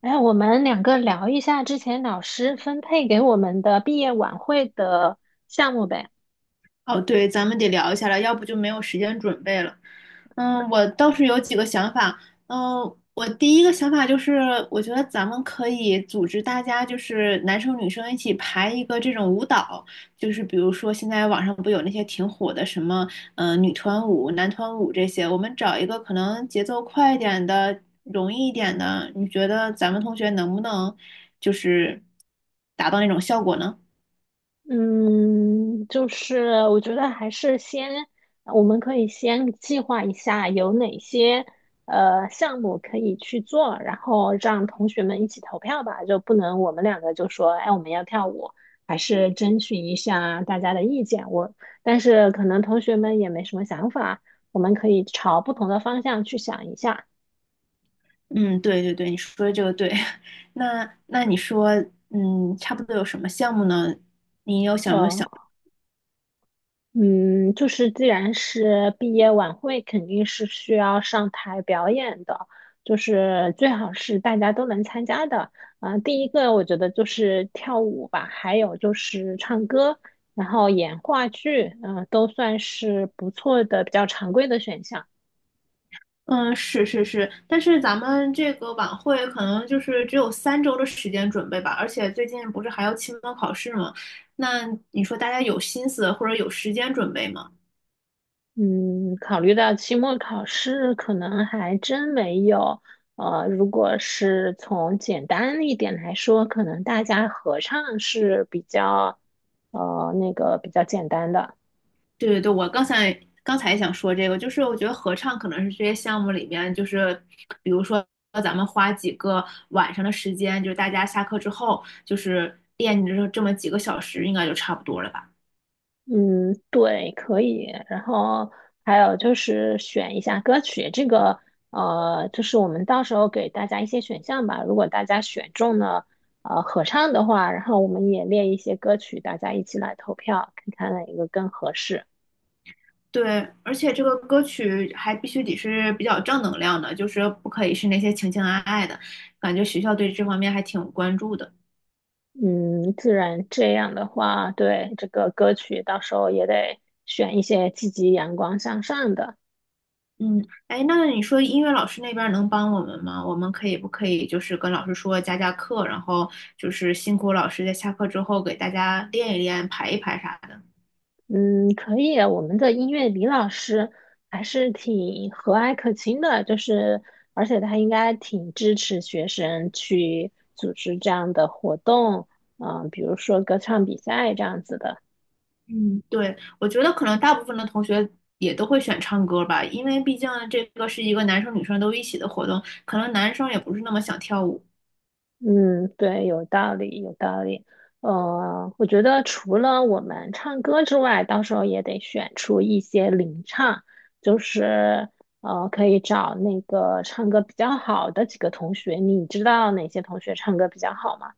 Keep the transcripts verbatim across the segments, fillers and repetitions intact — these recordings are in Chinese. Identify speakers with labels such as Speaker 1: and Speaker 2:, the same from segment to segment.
Speaker 1: 哎，我们两个聊一下之前老师分配给我们的毕业晚会的项目呗。
Speaker 2: 哦，对，咱们得聊一下了，要不就没有时间准备了。嗯，我倒是有几个想法。嗯，我第一个想法就是，我觉得咱们可以组织大家，就是男生女生一起排一个这种舞蹈，就是比如说现在网上不有那些挺火的什么，嗯、女团舞、男团舞这些，我们找一个可能节奏快一点的、容易一点的，你觉得咱们同学能不能就是达到那种效果呢？
Speaker 1: 嗯，就是我觉得还是先，我们可以先计划一下有哪些呃项目可以去做，然后让同学们一起投票吧。就不能我们两个就说，哎，我们要跳舞，还是征询一下大家的意见。我，但是可能同学们也没什么想法，我们可以朝不同的方向去想一下。
Speaker 2: 嗯，对对对，你说的这个对。那那你说，嗯，差不多有什么项目呢？
Speaker 1: 嗯。嗯，就是既然是毕业晚会，肯定是需要上台表演的，就是最好是大家都能参加的。嗯、第一个我觉得就是跳舞吧，还有就是唱歌，然后演话剧，嗯、都算是不错的、比较常规的选项。
Speaker 2: 嗯，是是是，但是咱们这个晚会可能就是只有三周的时间准备吧，而且最近不是还要期末考试吗？那你说大家有心思或者有时间准备吗？
Speaker 1: 嗯，考虑到期末考试，可能还真没有。呃，如果是从简单一点来说，可能大家合唱是比较，呃，那个比较简单的。
Speaker 2: 对对对，我刚才刚才也想说这个，就是我觉得合唱可能是这些项目里面，就是比如说咱们花几个晚上的时间，就是大家下课之后，就是练这这么几个小时，应该就差不多了吧？
Speaker 1: 嗯，对，可以。然后还有就是选一下歌曲，这个呃，就是我们到时候给大家一些选项吧。如果大家选中了呃合唱的话，然后我们也列一些歌曲，大家一起来投票，看看哪一个更合适。
Speaker 2: 对，而且这个歌曲还必须得是比较正能量的，就是不可以是那些情情爱爱的，感觉学校对这方面还挺关注的。
Speaker 1: 嗯，自然这样的话，对，这个歌曲到时候也得选一些积极、阳光向上的。
Speaker 2: 嗯，哎，那你说音乐老师那边儿能帮我们吗？我们可以不可以就是跟老师说加加课，然后就是辛苦老师在下课之后给大家练一练、排一排啥的？
Speaker 1: 嗯，可以啊，我们的音乐李老师还是挺和蔼可亲的，就是而且他应该挺支持学生去组织这样的活动，嗯、比如说歌唱比赛这样子的。
Speaker 2: 嗯，对，我觉得可能大部分的同学也都会选唱歌吧，因为毕竟这个是一个男生女生都一起的活动，可能男生也不是那么想跳舞。
Speaker 1: 嗯，对，有道理，有道理。呃，我觉得除了我们唱歌之外，到时候也得选出一些领唱，就是呃，可以找那个唱歌比较好的几个同学。你知道哪些同学唱歌比较好吗？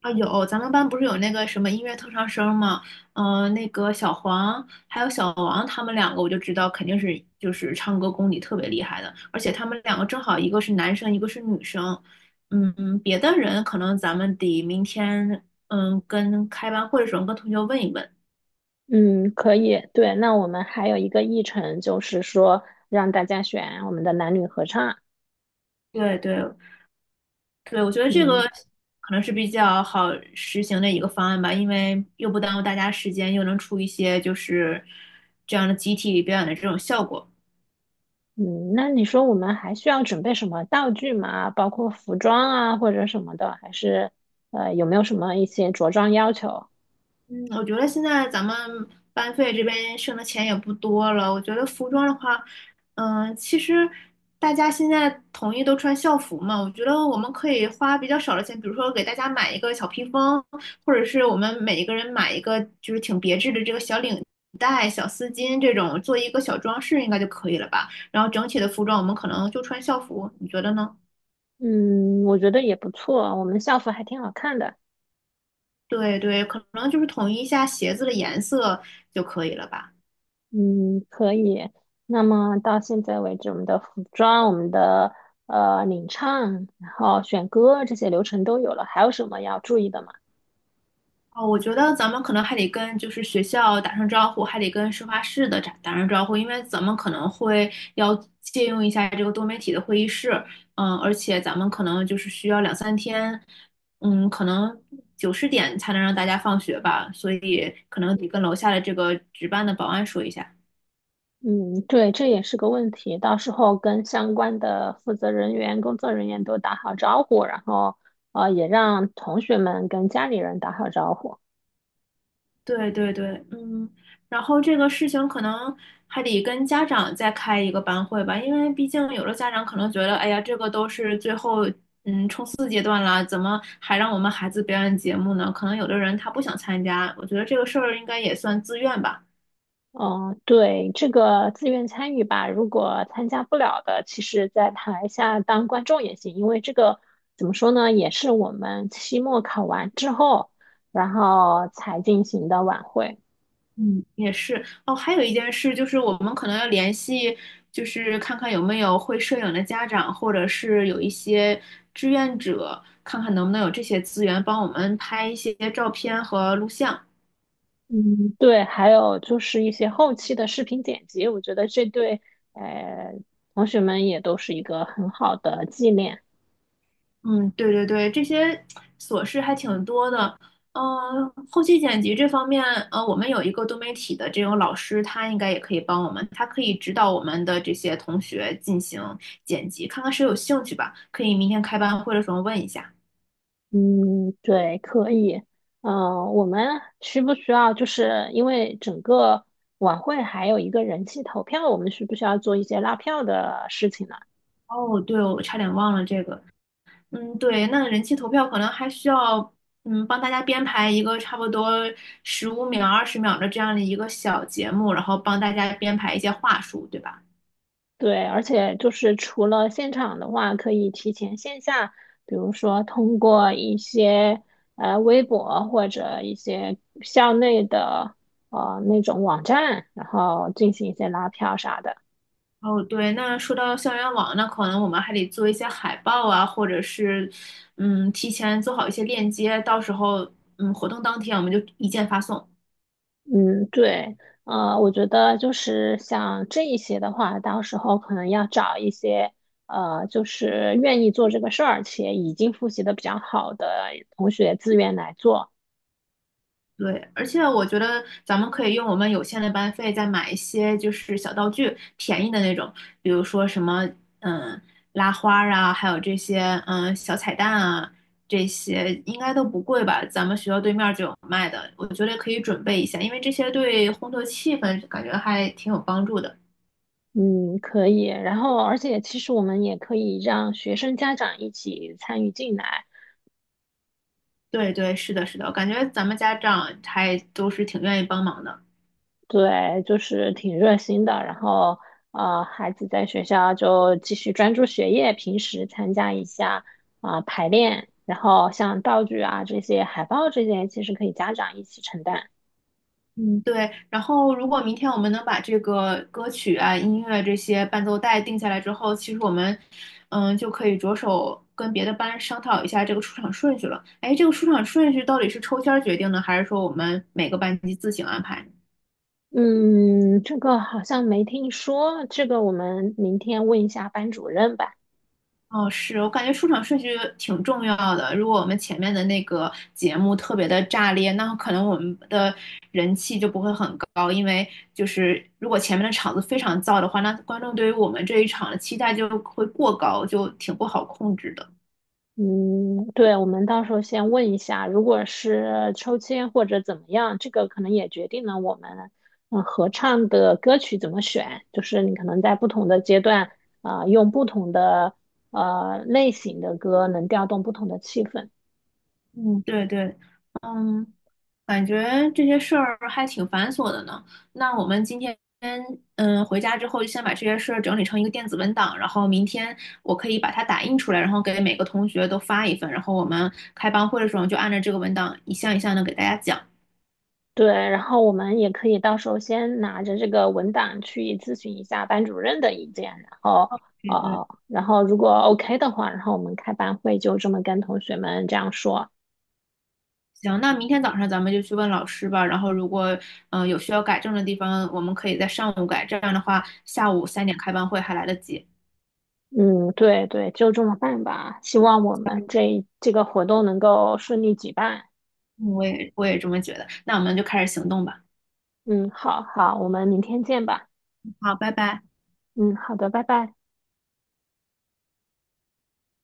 Speaker 2: 啊，有，咱们班不是有那个什么音乐特长生吗？嗯、那个小黄还有小王，他们两个我就知道肯定是就是唱歌功底特别厉害的，而且他们两个正好一个是男生，一个是女生。嗯，别的人可能咱们得明天嗯跟开班会的时候跟同学问一问。
Speaker 1: 嗯，可以。对，那我们还有一个议程，就是说让大家选我们的男女合唱。
Speaker 2: 对对对，我觉得这个
Speaker 1: 嗯。
Speaker 2: 可能是比较好实行的一个方案吧，因为又不耽误大家时间，又能出一些就是这样的集体表演的这种效果。
Speaker 1: 嗯，那你说我们还需要准备什么道具吗？包括服装啊或者什么的，还是呃有没有什么一些着装要求？
Speaker 2: 嗯我觉得现在咱们班费这边剩的钱也不多了。我觉得服装的话，嗯，其实大家现在统一都穿校服嘛，我觉得我们可以花比较少的钱，比如说给大家买一个小披风，或者是我们每一个人买一个就是挺别致的这个小领带、小丝巾这种，做一个小装饰应该就可以了吧。然后整体的服装我们可能就穿校服，你觉得呢？
Speaker 1: 嗯，我觉得也不错，我们校服还挺好看的。
Speaker 2: 对对，可能就是统一一下鞋子的颜色就可以了吧。
Speaker 1: 嗯，可以。那么到现在为止，我们的服装、我们的呃领唱，然后选歌这些流程都有了，还有什么要注意的吗？
Speaker 2: 哦，我觉得咱们可能还得跟就是学校打声招呼，还得跟事发室的打打声招呼，因为咱们可能会要借用一下这个多媒体的会议室，嗯，而且咱们可能就是需要两三天，嗯，可能九十点才能让大家放学吧，所以可能得跟楼下的这个值班的保安说一下。
Speaker 1: 嗯，对，这也是个问题。到时候跟相关的负责人员、工作人员都打好招呼，然后呃，也让同学们跟家里人打好招呼。
Speaker 2: 对对对，嗯，然后这个事情可能还得跟家长再开一个班会吧，因为毕竟有的家长可能觉得，哎呀，这个都是最后四阶段了，怎么还让我们孩子表演节目呢？可能有的人他不想参加，我觉得这个事儿应该也算自愿吧。
Speaker 1: 嗯，对，这个自愿参与吧，如果参加不了的，其实在台下当观众也行，因为这个怎么说呢，也是我们期末考完之后，然后才进行的晚会。
Speaker 2: 嗯，也是哦，还有一件事就是我们可能要联系，就是看看有没有会摄影的家长，或者是有一些志愿者，看看能不能有这些资源帮我们拍一些照片和录像。
Speaker 1: 嗯，对，还有就是一些后期的视频剪辑，我觉得这对呃同学们也都是一个很好的纪念。
Speaker 2: 嗯，对对对，这些琐事还挺多的。嗯，后期剪辑这方面，呃，我们有一个多媒体的这种老师，他应该也可以帮我们，他可以指导我们的这些同学进行剪辑，看看谁有兴趣吧。可以明天开班会的时候问一下。
Speaker 1: 嗯，对，可以。嗯、我们需不需要就是因为整个晚会还有一个人气投票，我们需不需要做一些拉票的事情呢？
Speaker 2: 哦，对，我差点忘了这个。嗯，对，那人气投票可能还需要，嗯，帮大家编排一个差不多十五秒、二十秒的这样的一个小节目，然后帮大家编排一些话术，对吧？
Speaker 1: 对，而且就是除了现场的话，可以提前线下，比如说通过一些呃微博或者一些校内的呃那种网站，然后进行一些拉票啥的。
Speaker 2: 哦，对，那说到校园网，那可能我们还得做一些海报啊，或者是，嗯，提前做好一些链接，到时候，嗯，活动当天我们就一键发送。
Speaker 1: 嗯，对，呃，我觉得就是像这一些的话，到时候可能要找一些呃，就是愿意做这个事儿且已经复习的比较好的同学自愿来做。
Speaker 2: 对，而且我觉得咱们可以用我们有限的班费再买一些就是小道具，便宜的那种，比如说什么，嗯，拉花儿啊，还有这些，嗯，小彩蛋啊，这些应该都不贵吧？咱们学校对面儿就有卖的，我觉得可以准备一下，因为这些对烘托气氛感觉还挺有帮助的。
Speaker 1: 嗯，可以。然后，而且其实我们也可以让学生家长一起参与进来，
Speaker 2: 对对，是的，是的，我感觉咱们家长还都是挺愿意帮忙的。
Speaker 1: 对，就是挺热心的。然后，呃，孩子在学校就继续专注学业，平时参加一下啊，排练。然后，像道具啊这些、海报这些，其实可以家长一起承担。
Speaker 2: 嗯，对。然后，如果明天我们能把这个歌曲啊、音乐这些伴奏带定下来之后，其实我们，嗯，就可以着手跟别的班商讨一下这个出场顺序了。哎，这个出场顺序到底是抽签儿决定呢，还是说我们每个班级自行安排呢？
Speaker 1: 嗯，这个好像没听说，这个我们明天问一下班主任吧。
Speaker 2: 哦，是我感觉出场顺序挺重要的。如果我们前面的那个节目特别的炸裂，那可能我们的人气就不会很高，因为就是如果前面的场子非常燥的话，那观众对于我们这一场的期待就会过高，就挺不好控制的。
Speaker 1: 嗯，对，我们到时候先问一下，如果是抽签或者怎么样，这个可能也决定了我们嗯合唱的歌曲怎么选，就是你可能在不同的阶段啊、呃用不同的呃类型的歌能调动不同的气氛。
Speaker 2: 嗯，对对，嗯，感觉这些事儿还挺繁琐的呢。那我们今天，嗯，回家之后就先把这些事儿整理成一个电子文档，然后明天我可以把它打印出来，然后给每个同学都发一份，然后我们开班会的时候就按照这个文档一项一项的给大家讲。
Speaker 1: 对，然后我们也可以到时候先拿着这个文档去咨询一下班主任的意见，然后
Speaker 2: 对对，
Speaker 1: 呃，然后如果 OK 的话，然后我们开班会就这么跟同学们这样说。
Speaker 2: 行，那明天早上咱们就去问老师吧。然后如果嗯、呃有需要改正的地方，我们可以在上午改。这样的话，下午三点开班会还来得及。嗯
Speaker 1: 嗯，对对，就这么办吧。希望我们这这个活动能够顺利举办。
Speaker 2: 我也我也这么觉得。那我们就开始行动吧。
Speaker 1: 嗯，好好，我们明天见吧。
Speaker 2: 好，拜拜。
Speaker 1: 嗯，好的，拜拜。